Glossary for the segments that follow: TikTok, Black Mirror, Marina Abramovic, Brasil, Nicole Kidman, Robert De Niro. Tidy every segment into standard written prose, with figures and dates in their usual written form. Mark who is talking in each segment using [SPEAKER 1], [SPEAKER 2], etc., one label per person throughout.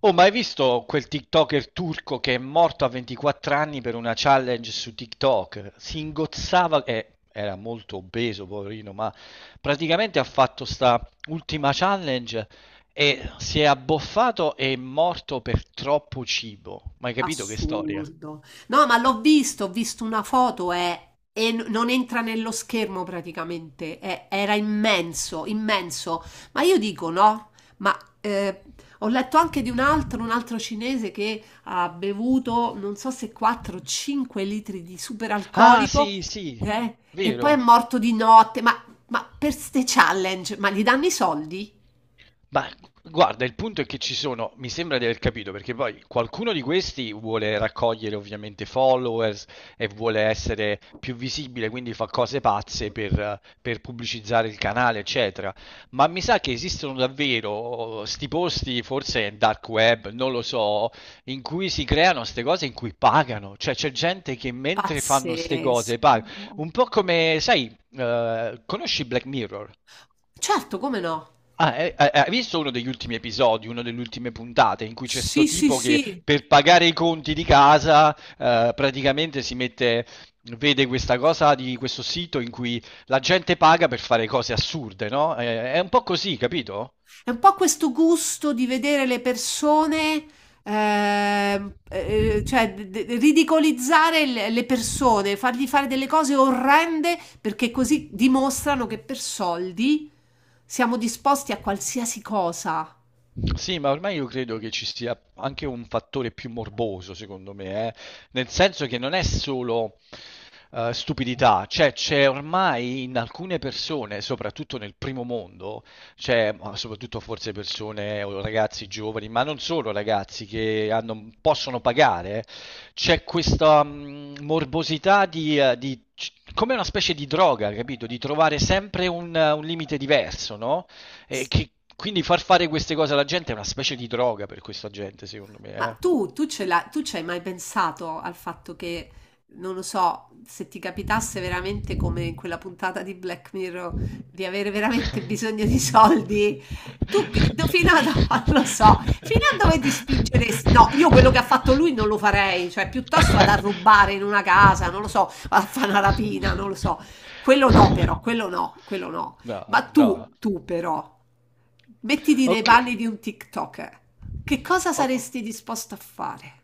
[SPEAKER 1] Oh, ma hai visto quel TikToker turco che è morto a 24 anni per una challenge su TikTok? Si ingozzava, era molto obeso, poverino, ma praticamente ha fatto sta ultima challenge e si è abboffato e è morto per troppo cibo. Ma hai capito che storia?
[SPEAKER 2] Assurdo. No, ma l'ho visto, ho visto una foto, e non entra nello schermo praticamente. Era immenso, immenso. Ma io dico no, ma eh, ho letto anche di un altro cinese che ha bevuto non so se 4 o 5 litri di
[SPEAKER 1] Ah,
[SPEAKER 2] superalcolico,
[SPEAKER 1] sì, sì,
[SPEAKER 2] e poi è
[SPEAKER 1] vero.
[SPEAKER 2] morto di notte. Ma per ste challenge, ma gli danno i soldi?
[SPEAKER 1] Ma guarda, il punto è che ci sono, mi sembra di aver capito, perché poi qualcuno di questi vuole raccogliere ovviamente followers e vuole essere più visibile, quindi fa cose pazze per pubblicizzare il canale, eccetera. Ma mi sa che esistono davvero oh, sti posti, forse in dark web, non lo so, in cui si creano ste cose in cui pagano. Cioè c'è gente che mentre fanno ste cose
[SPEAKER 2] Pazzesco.
[SPEAKER 1] paga. Un po' come, sai, conosci Black Mirror?
[SPEAKER 2] Certo, come no?
[SPEAKER 1] Hai visto uno degli ultimi episodi, una delle ultime puntate, in cui c'è
[SPEAKER 2] Sì,
[SPEAKER 1] sto
[SPEAKER 2] sì,
[SPEAKER 1] tipo che
[SPEAKER 2] sì.
[SPEAKER 1] per pagare i conti di casa, praticamente si mette, vede questa cosa di questo sito in cui la gente paga per fare cose assurde, no? È un po' così, capito?
[SPEAKER 2] È un po' questo gusto di vedere le persone, cioè ridicolizzare le persone, fargli fare delle cose orrende perché così dimostrano che per soldi siamo disposti a qualsiasi cosa.
[SPEAKER 1] Sì, ma ormai io credo che ci sia anche un fattore più morboso, secondo me, eh. Nel senso che non è solo stupidità, cioè c'è ormai in alcune persone, soprattutto nel primo mondo, c'è ma soprattutto forse persone o ragazzi giovani, ma non solo ragazzi possono pagare, c'è questa morbosità come una specie di droga, capito? Di trovare sempre un limite diverso, no? E che, quindi far fare queste cose alla gente è una specie di droga per questa gente, secondo me,
[SPEAKER 2] Ma
[SPEAKER 1] eh.
[SPEAKER 2] tu ci hai mai pensato al fatto che, non lo so, se ti capitasse veramente come in quella puntata di Black Mirror, di avere veramente bisogno di soldi, fino a, non lo so, fino a dove ti spingeresti? No, io quello che ha fatto lui non lo farei, cioè piuttosto ad arrubare in una casa, non lo so, a fare una rapina, non lo so. Quello no però, quello no, quello no. Ma
[SPEAKER 1] No, no.
[SPEAKER 2] tu però. Mettiti nei
[SPEAKER 1] Ok,
[SPEAKER 2] panni di un TikToker. Che cosa
[SPEAKER 1] ok.
[SPEAKER 2] saresti disposto a fare?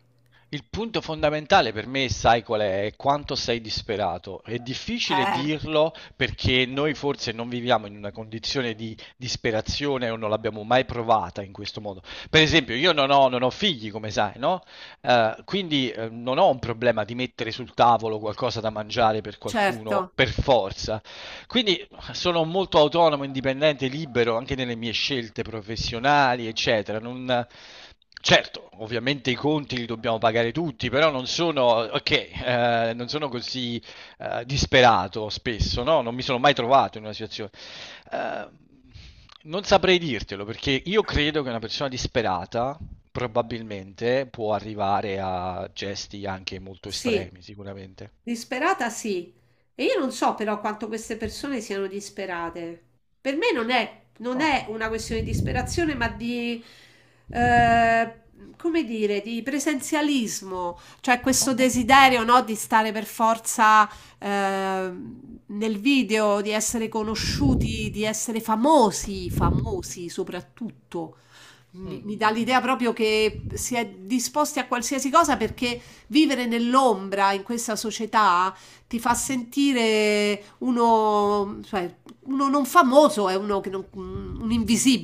[SPEAKER 1] Il punto fondamentale per me, sai qual è? È quanto sei disperato. È difficile
[SPEAKER 2] Eh,
[SPEAKER 1] dirlo perché noi forse non viviamo in una condizione di disperazione o non l'abbiamo mai provata in questo modo. Per esempio, io non ho figli, come sai, no? Non ho un problema di mettere sul tavolo qualcosa da mangiare per qualcuno
[SPEAKER 2] certo.
[SPEAKER 1] per forza. Quindi sono molto autonomo, indipendente, libero anche nelle mie scelte professionali, eccetera. Non... Certo, ovviamente i conti li dobbiamo pagare tutti, però non sono, ok, non sono così disperato spesso, no? Non mi sono mai trovato in una situazione. Eh, non saprei dirtelo perché io credo che una persona disperata probabilmente può arrivare a gesti anche molto
[SPEAKER 2] Sì,
[SPEAKER 1] estremi, sicuramente.
[SPEAKER 2] disperata sì. E io non so però quanto queste persone siano disperate. Per me non
[SPEAKER 1] Oh,
[SPEAKER 2] è una questione di disperazione, ma di, eh, come dire, di presenzialismo, cioè questo
[SPEAKER 1] oh.
[SPEAKER 2] desiderio, no, di stare per forza, eh, nel video, di essere conosciuti, di essere famosi, famosi soprattutto
[SPEAKER 1] Mm,
[SPEAKER 2] mi dà
[SPEAKER 1] mm.
[SPEAKER 2] l'idea proprio che si è disposti a qualsiasi cosa perché vivere nell'ombra in questa società ti fa sentire uno, cioè, uno non famoso, è uno che non- un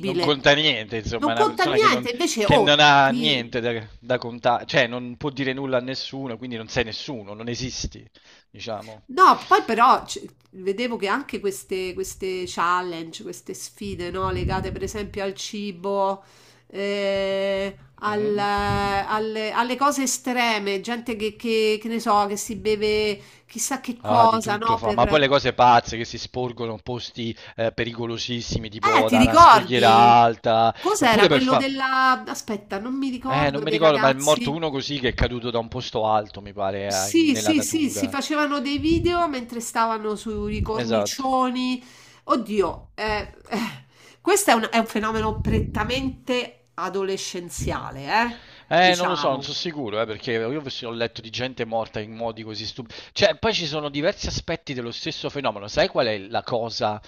[SPEAKER 1] Non conta niente, insomma,
[SPEAKER 2] Non
[SPEAKER 1] è una
[SPEAKER 2] conta
[SPEAKER 1] persona
[SPEAKER 2] niente, invece,
[SPEAKER 1] che
[SPEAKER 2] oh,
[SPEAKER 1] non ha
[SPEAKER 2] ti,
[SPEAKER 1] niente da, da contare, cioè non può dire nulla a nessuno, quindi non sei nessuno, non esisti, diciamo.
[SPEAKER 2] No, poi però vedevo che anche queste challenge, queste sfide, no, legate per esempio al cibo,
[SPEAKER 1] Mhm.
[SPEAKER 2] alle cose estreme, gente che ne so, che si beve chissà che
[SPEAKER 1] Ah, di
[SPEAKER 2] cosa,
[SPEAKER 1] tutto
[SPEAKER 2] no,
[SPEAKER 1] fa, ma poi
[SPEAKER 2] per...
[SPEAKER 1] le cose pazze che si sporgono in posti pericolosissimi, tipo
[SPEAKER 2] Ti
[SPEAKER 1] da una scogliera
[SPEAKER 2] ricordi?
[SPEAKER 1] alta, oppure
[SPEAKER 2] Cos'era
[SPEAKER 1] per
[SPEAKER 2] quello
[SPEAKER 1] fa...
[SPEAKER 2] della... Aspetta, non mi
[SPEAKER 1] Non
[SPEAKER 2] ricordo
[SPEAKER 1] mi
[SPEAKER 2] dei
[SPEAKER 1] ricordo, ma è morto
[SPEAKER 2] ragazzi.
[SPEAKER 1] uno così che è caduto da un posto alto, mi pare,
[SPEAKER 2] Sì,
[SPEAKER 1] nella
[SPEAKER 2] sì, sì, si
[SPEAKER 1] natura.
[SPEAKER 2] facevano dei video mentre stavano sui
[SPEAKER 1] Esatto.
[SPEAKER 2] cornicioni. Oddio, questo è è un fenomeno prettamente adolescenziale,
[SPEAKER 1] Non lo so, non
[SPEAKER 2] diciamo.
[SPEAKER 1] sono sicuro, perché io ho ho letto di gente morta in modi così stupidi. Cioè, poi ci sono diversi aspetti dello stesso fenomeno. Sai qual è la cosa?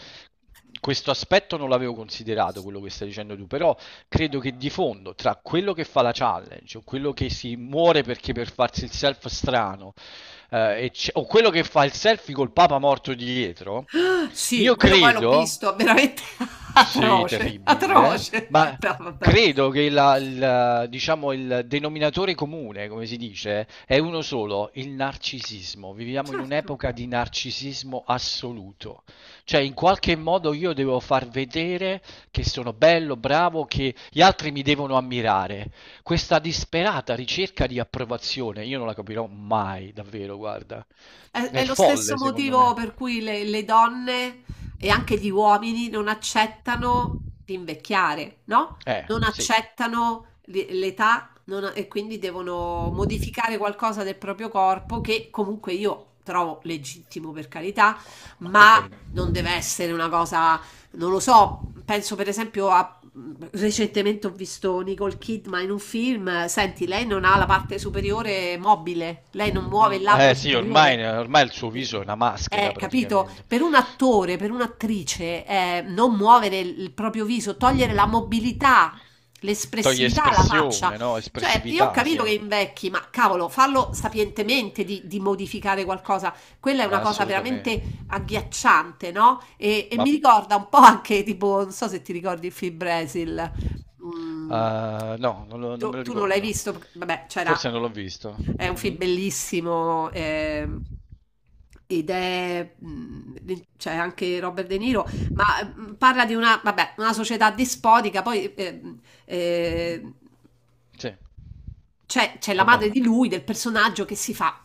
[SPEAKER 1] Questo aspetto non l'avevo considerato, quello che stai dicendo tu, però credo che di fondo, tra quello che fa la challenge, o quello che si muore perché per farsi il self strano, o quello che fa il selfie col papa morto dietro,
[SPEAKER 2] Ah, sì,
[SPEAKER 1] io
[SPEAKER 2] quello poi l'ho
[SPEAKER 1] credo...
[SPEAKER 2] visto, veramente
[SPEAKER 1] Sì,
[SPEAKER 2] atroce,
[SPEAKER 1] terribile,
[SPEAKER 2] atroce.
[SPEAKER 1] ma
[SPEAKER 2] No, vabbè.
[SPEAKER 1] credo che diciamo, il denominatore comune, come si dice, è uno solo, il narcisismo. Viviamo in
[SPEAKER 2] Certo.
[SPEAKER 1] un'epoca di narcisismo assoluto. Cioè, in qualche modo io devo far vedere che sono bello, bravo, che gli altri mi devono ammirare. Questa disperata ricerca di approvazione, io non la capirò mai, davvero, guarda. È
[SPEAKER 2] È lo stesso
[SPEAKER 1] folle, secondo
[SPEAKER 2] motivo
[SPEAKER 1] me.
[SPEAKER 2] per cui le donne e anche gli uomini non accettano di invecchiare, no? Non
[SPEAKER 1] Sì,
[SPEAKER 2] accettano l'età non- e quindi devono modificare qualcosa del proprio corpo che comunque io trovo legittimo per carità,
[SPEAKER 1] ma per
[SPEAKER 2] ma
[SPEAKER 1] carità.
[SPEAKER 2] non deve essere una cosa, non lo so, penso per esempio a recentemente ho visto Nicole Kidman in un film. Senti, lei
[SPEAKER 1] Mm.
[SPEAKER 2] non ha la parte superiore mobile, lei non muove il
[SPEAKER 1] Mm,
[SPEAKER 2] labbro
[SPEAKER 1] eh sì,
[SPEAKER 2] superiore.
[SPEAKER 1] ormai il suo
[SPEAKER 2] Eh,
[SPEAKER 1] viso è una maschera
[SPEAKER 2] Capito?
[SPEAKER 1] praticamente.
[SPEAKER 2] Per un attore, per un'attrice, non muovere il proprio viso, togliere la mobilità,
[SPEAKER 1] Toglie
[SPEAKER 2] l'espressività alla faccia.
[SPEAKER 1] espressione, no?
[SPEAKER 2] Cioè, io ho
[SPEAKER 1] Espressività,
[SPEAKER 2] capito
[SPEAKER 1] sì.
[SPEAKER 2] che invecchi, ma cavolo, farlo sapientemente di modificare qualcosa. Quella è una
[SPEAKER 1] Ma
[SPEAKER 2] cosa
[SPEAKER 1] assolutamente.
[SPEAKER 2] veramente agghiacciante, no? E
[SPEAKER 1] Ma
[SPEAKER 2] mi ricorda un po' anche tipo, non so se ti ricordi il film Brasil. mm,
[SPEAKER 1] no, non me lo
[SPEAKER 2] Tu non l'hai
[SPEAKER 1] ricordo.
[SPEAKER 2] visto? Vabbè, c'era,
[SPEAKER 1] Forse non l'ho visto.
[SPEAKER 2] è un film
[SPEAKER 1] Mhm.
[SPEAKER 2] bellissimo. Ed è, c'è anche Robert De Niro, ma parla di una, vabbè, una società dispotica, poi eh,
[SPEAKER 1] Sì,
[SPEAKER 2] cioè, c'è
[SPEAKER 1] è
[SPEAKER 2] la
[SPEAKER 1] una...
[SPEAKER 2] madre di lui, del personaggio che si fa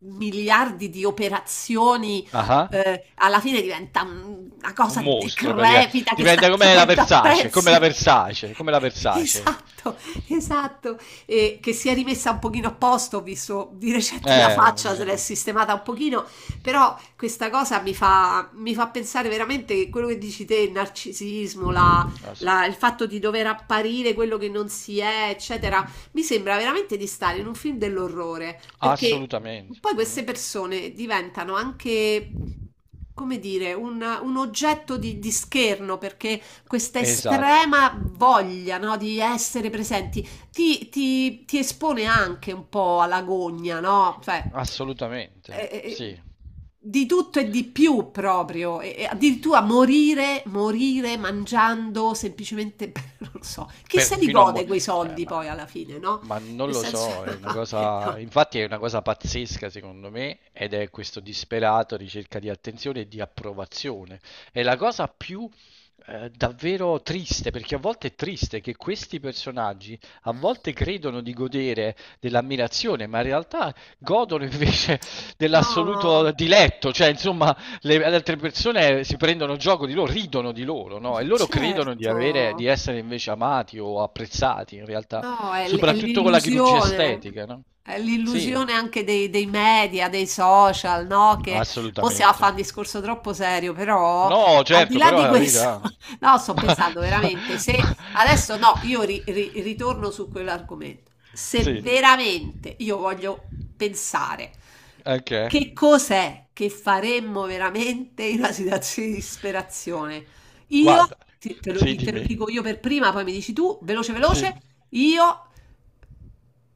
[SPEAKER 2] miliardi di operazioni,
[SPEAKER 1] ah,
[SPEAKER 2] alla fine diventa una
[SPEAKER 1] un
[SPEAKER 2] cosa
[SPEAKER 1] mostro praticamente.
[SPEAKER 2] decrepita che sta
[SPEAKER 1] Diventa come la
[SPEAKER 2] cadendo a
[SPEAKER 1] Versace, come la
[SPEAKER 2] pezzi.
[SPEAKER 1] Versace, come la Versace.
[SPEAKER 2] Esatto, esatto. E che si è rimessa un pochino a posto, ho visto di recente la
[SPEAKER 1] Eh,
[SPEAKER 2] faccia, se l'è sistemata un pochino, però questa cosa mi fa pensare veramente che quello che dici te, il narcisismo,
[SPEAKER 1] ass-
[SPEAKER 2] il fatto di dover apparire quello che non si è, eccetera, mi sembra veramente di stare in un film dell'orrore, perché
[SPEAKER 1] assolutamente.
[SPEAKER 2] poi queste
[SPEAKER 1] Mhm.
[SPEAKER 2] persone diventano anche, come dire, un oggetto di scherno, perché questa
[SPEAKER 1] Esatto.
[SPEAKER 2] estrema voglia, no, di essere presenti ti espone anche un po' all'agonia, no? Cioè, eh,
[SPEAKER 1] Assolutamente,
[SPEAKER 2] eh, eh,
[SPEAKER 1] sì.
[SPEAKER 2] di tutto e di più proprio, e addirittura morire, morire mangiando semplicemente, non lo so, chi
[SPEAKER 1] Per
[SPEAKER 2] se li
[SPEAKER 1] fino a mo
[SPEAKER 2] gode quei
[SPEAKER 1] cioè,
[SPEAKER 2] soldi poi alla fine, no?
[SPEAKER 1] ma non
[SPEAKER 2] Nel
[SPEAKER 1] lo
[SPEAKER 2] senso,
[SPEAKER 1] so, è una cosa infatti è una cosa pazzesca secondo me ed è questo disperato ricerca di attenzione e di approvazione. È la cosa più davvero triste, perché a volte è triste che questi personaggi a volte credono di godere dell'ammirazione, ma in realtà godono invece
[SPEAKER 2] no, no,
[SPEAKER 1] dell'assoluto diletto, cioè insomma le altre persone si prendono gioco di loro, ridono di loro, no?
[SPEAKER 2] ma
[SPEAKER 1] E loro credono di avere,
[SPEAKER 2] certo.
[SPEAKER 1] di essere invece amati o apprezzati in realtà,
[SPEAKER 2] No,
[SPEAKER 1] soprattutto con la chirurgia estetica, no?
[SPEAKER 2] è
[SPEAKER 1] Sì,
[SPEAKER 2] l'illusione anche dei media, dei social, no? Che mo si va a
[SPEAKER 1] assolutamente.
[SPEAKER 2] fare un discorso troppo serio, però
[SPEAKER 1] No,
[SPEAKER 2] al di
[SPEAKER 1] certo,
[SPEAKER 2] là
[SPEAKER 1] però
[SPEAKER 2] di
[SPEAKER 1] è la
[SPEAKER 2] questo,
[SPEAKER 1] verità.
[SPEAKER 2] no, sto
[SPEAKER 1] Ma,
[SPEAKER 2] pensando
[SPEAKER 1] ma,
[SPEAKER 2] veramente, se
[SPEAKER 1] ma...
[SPEAKER 2] adesso no, io ritorno su quell'argomento, se
[SPEAKER 1] Sì,
[SPEAKER 2] veramente io voglio pensare
[SPEAKER 1] ok.
[SPEAKER 2] che cos'è che faremmo veramente in una situazione di disperazione, io,
[SPEAKER 1] Guarda, sì,
[SPEAKER 2] te lo
[SPEAKER 1] dimmi.
[SPEAKER 2] dico io per prima, poi mi dici tu, veloce
[SPEAKER 1] Sì.
[SPEAKER 2] veloce, io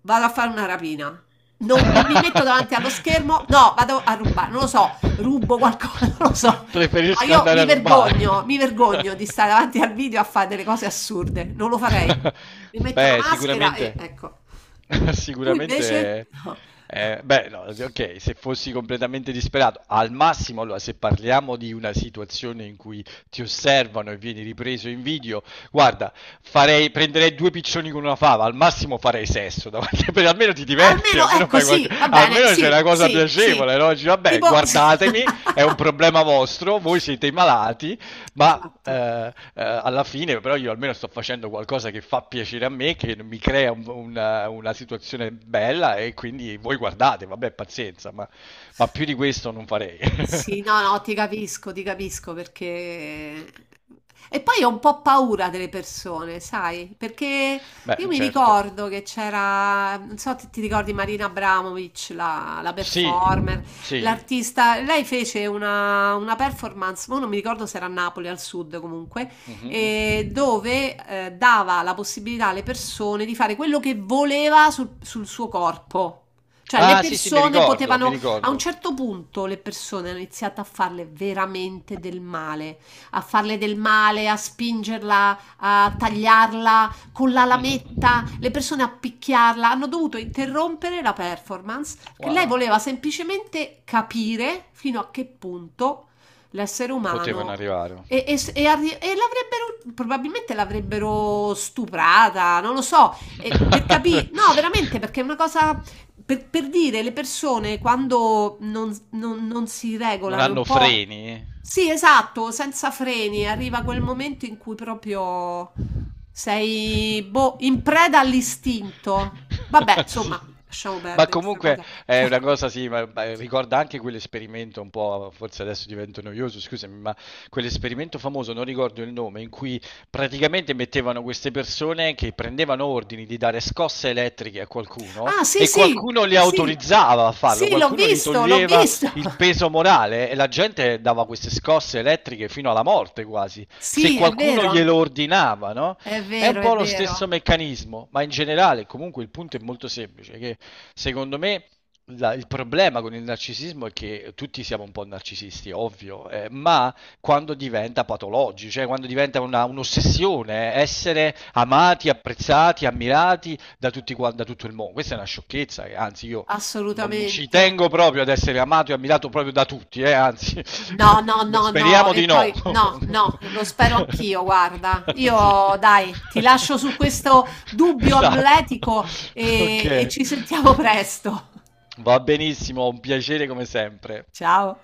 [SPEAKER 2] vado a fare una rapina. Non mi metto davanti allo schermo, no, vado a rubare, non lo so, rubo qualcosa, non lo so. Ma
[SPEAKER 1] Preferisco
[SPEAKER 2] io
[SPEAKER 1] andare a rubare.
[SPEAKER 2] mi vergogno di stare davanti al video a fare delle cose assurde. Non lo farei. Mi metto una
[SPEAKER 1] Beh,
[SPEAKER 2] maschera e
[SPEAKER 1] sicuramente,
[SPEAKER 2] ecco. Tu invece?
[SPEAKER 1] sicuramente,
[SPEAKER 2] No, no.
[SPEAKER 1] beh, no, ok, se fossi completamente disperato, al massimo, allora, se parliamo di una situazione in cui ti osservano e vieni ripreso in video, guarda, prenderei due piccioni con una fava, al massimo farei sesso, davanti, almeno ti diverti,
[SPEAKER 2] Almeno,
[SPEAKER 1] almeno
[SPEAKER 2] ecco,
[SPEAKER 1] fai qualche,
[SPEAKER 2] sì, va bene,
[SPEAKER 1] almeno c'è una
[SPEAKER 2] sì,
[SPEAKER 1] cosa
[SPEAKER 2] sì, sì.
[SPEAKER 1] piacevole, no? Dici, vabbè,
[SPEAKER 2] Tipo, sì.
[SPEAKER 1] guardatemi, è un problema vostro, voi siete i malati, ma
[SPEAKER 2] Esatto.
[SPEAKER 1] alla fine però io almeno sto facendo qualcosa che fa piacere a me, che mi crea una situazione bella e quindi voi guardate, vabbè, pazienza, ma più di questo non farei.
[SPEAKER 2] Sì, no, no, ti capisco perché... E poi ho un po' paura delle persone, sai? Perché
[SPEAKER 1] Beh,
[SPEAKER 2] io mi
[SPEAKER 1] certo.
[SPEAKER 2] ricordo che c'era, non so, ti ricordi Marina Abramovic, la
[SPEAKER 1] Sì,
[SPEAKER 2] performer,
[SPEAKER 1] sì.
[SPEAKER 2] l'artista, lei fece una performance, ma non mi ricordo se era a Napoli, al sud comunque,
[SPEAKER 1] Mhm.
[SPEAKER 2] e dove dava la possibilità alle persone di fare quello che voleva sul sul suo corpo. Cioè, le
[SPEAKER 1] Ah, sì, sì, mi
[SPEAKER 2] persone
[SPEAKER 1] ricordo, mi
[SPEAKER 2] potevano a un
[SPEAKER 1] ricordo.
[SPEAKER 2] certo punto le persone hanno iniziato a farle veramente del male, a farle del male, a spingerla, a tagliarla con la
[SPEAKER 1] Mhm.
[SPEAKER 2] lametta, le persone a picchiarla, hanno dovuto interrompere la performance perché lei
[SPEAKER 1] Wow,
[SPEAKER 2] voleva semplicemente capire fino a che punto l'essere
[SPEAKER 1] potevano
[SPEAKER 2] umano
[SPEAKER 1] arrivare.
[SPEAKER 2] e l'avrebbero probabilmente l'avrebbero stuprata, non lo so, e per capire, no, veramente perché è una cosa per dire, le persone quando non si
[SPEAKER 1] Non
[SPEAKER 2] regolano un No.
[SPEAKER 1] hanno
[SPEAKER 2] po'...
[SPEAKER 1] freni?
[SPEAKER 2] Sì, esatto, senza freni, arriva quel momento in cui proprio sei, boh, in preda all'istinto. Vabbè, insomma,
[SPEAKER 1] Sì.
[SPEAKER 2] lasciamo
[SPEAKER 1] Ma
[SPEAKER 2] perdere questa
[SPEAKER 1] comunque
[SPEAKER 2] cosa.
[SPEAKER 1] è
[SPEAKER 2] Cioè-
[SPEAKER 1] una cosa, sì, ma ricorda anche quell'esperimento un po', forse adesso divento noioso, scusami, ma quell'esperimento famoso, non ricordo il nome, in cui praticamente mettevano queste persone che prendevano ordini di dare scosse elettriche a qualcuno
[SPEAKER 2] Ah, sì,
[SPEAKER 1] e
[SPEAKER 2] sì,
[SPEAKER 1] qualcuno li
[SPEAKER 2] sì,
[SPEAKER 1] autorizzava a farlo,
[SPEAKER 2] sì, l'ho
[SPEAKER 1] qualcuno gli
[SPEAKER 2] visto, l'ho
[SPEAKER 1] toglieva
[SPEAKER 2] visto.
[SPEAKER 1] il peso morale e la gente dava queste scosse elettriche fino alla morte quasi se
[SPEAKER 2] Sì, è
[SPEAKER 1] qualcuno
[SPEAKER 2] vero,
[SPEAKER 1] glielo ordinava, no?
[SPEAKER 2] è
[SPEAKER 1] È un
[SPEAKER 2] vero, è
[SPEAKER 1] po' lo stesso
[SPEAKER 2] vero,
[SPEAKER 1] meccanismo, ma in generale, comunque il punto è molto semplice, che secondo me il problema con il narcisismo è che tutti siamo un po' narcisisti, ovvio, ma quando diventa patologico, cioè quando diventa un'ossessione, essere amati, apprezzati, ammirati da tutti da tutto il mondo, questa è una sciocchezza, che, anzi io non ci
[SPEAKER 2] assolutamente.
[SPEAKER 1] tengo proprio ad essere amato e ammirato proprio da tutti, anzi,
[SPEAKER 2] No, no,
[SPEAKER 1] beh,
[SPEAKER 2] no, no,
[SPEAKER 1] speriamo
[SPEAKER 2] e
[SPEAKER 1] di no.
[SPEAKER 2] poi no, no, lo spero anch'io, guarda.
[SPEAKER 1] Sì.
[SPEAKER 2] Io, dai, ti lascio su questo dubbio
[SPEAKER 1] Esatto.
[SPEAKER 2] amletico
[SPEAKER 1] Ok.
[SPEAKER 2] e ci sentiamo presto.
[SPEAKER 1] Va benissimo, un piacere come sempre.
[SPEAKER 2] Ciao.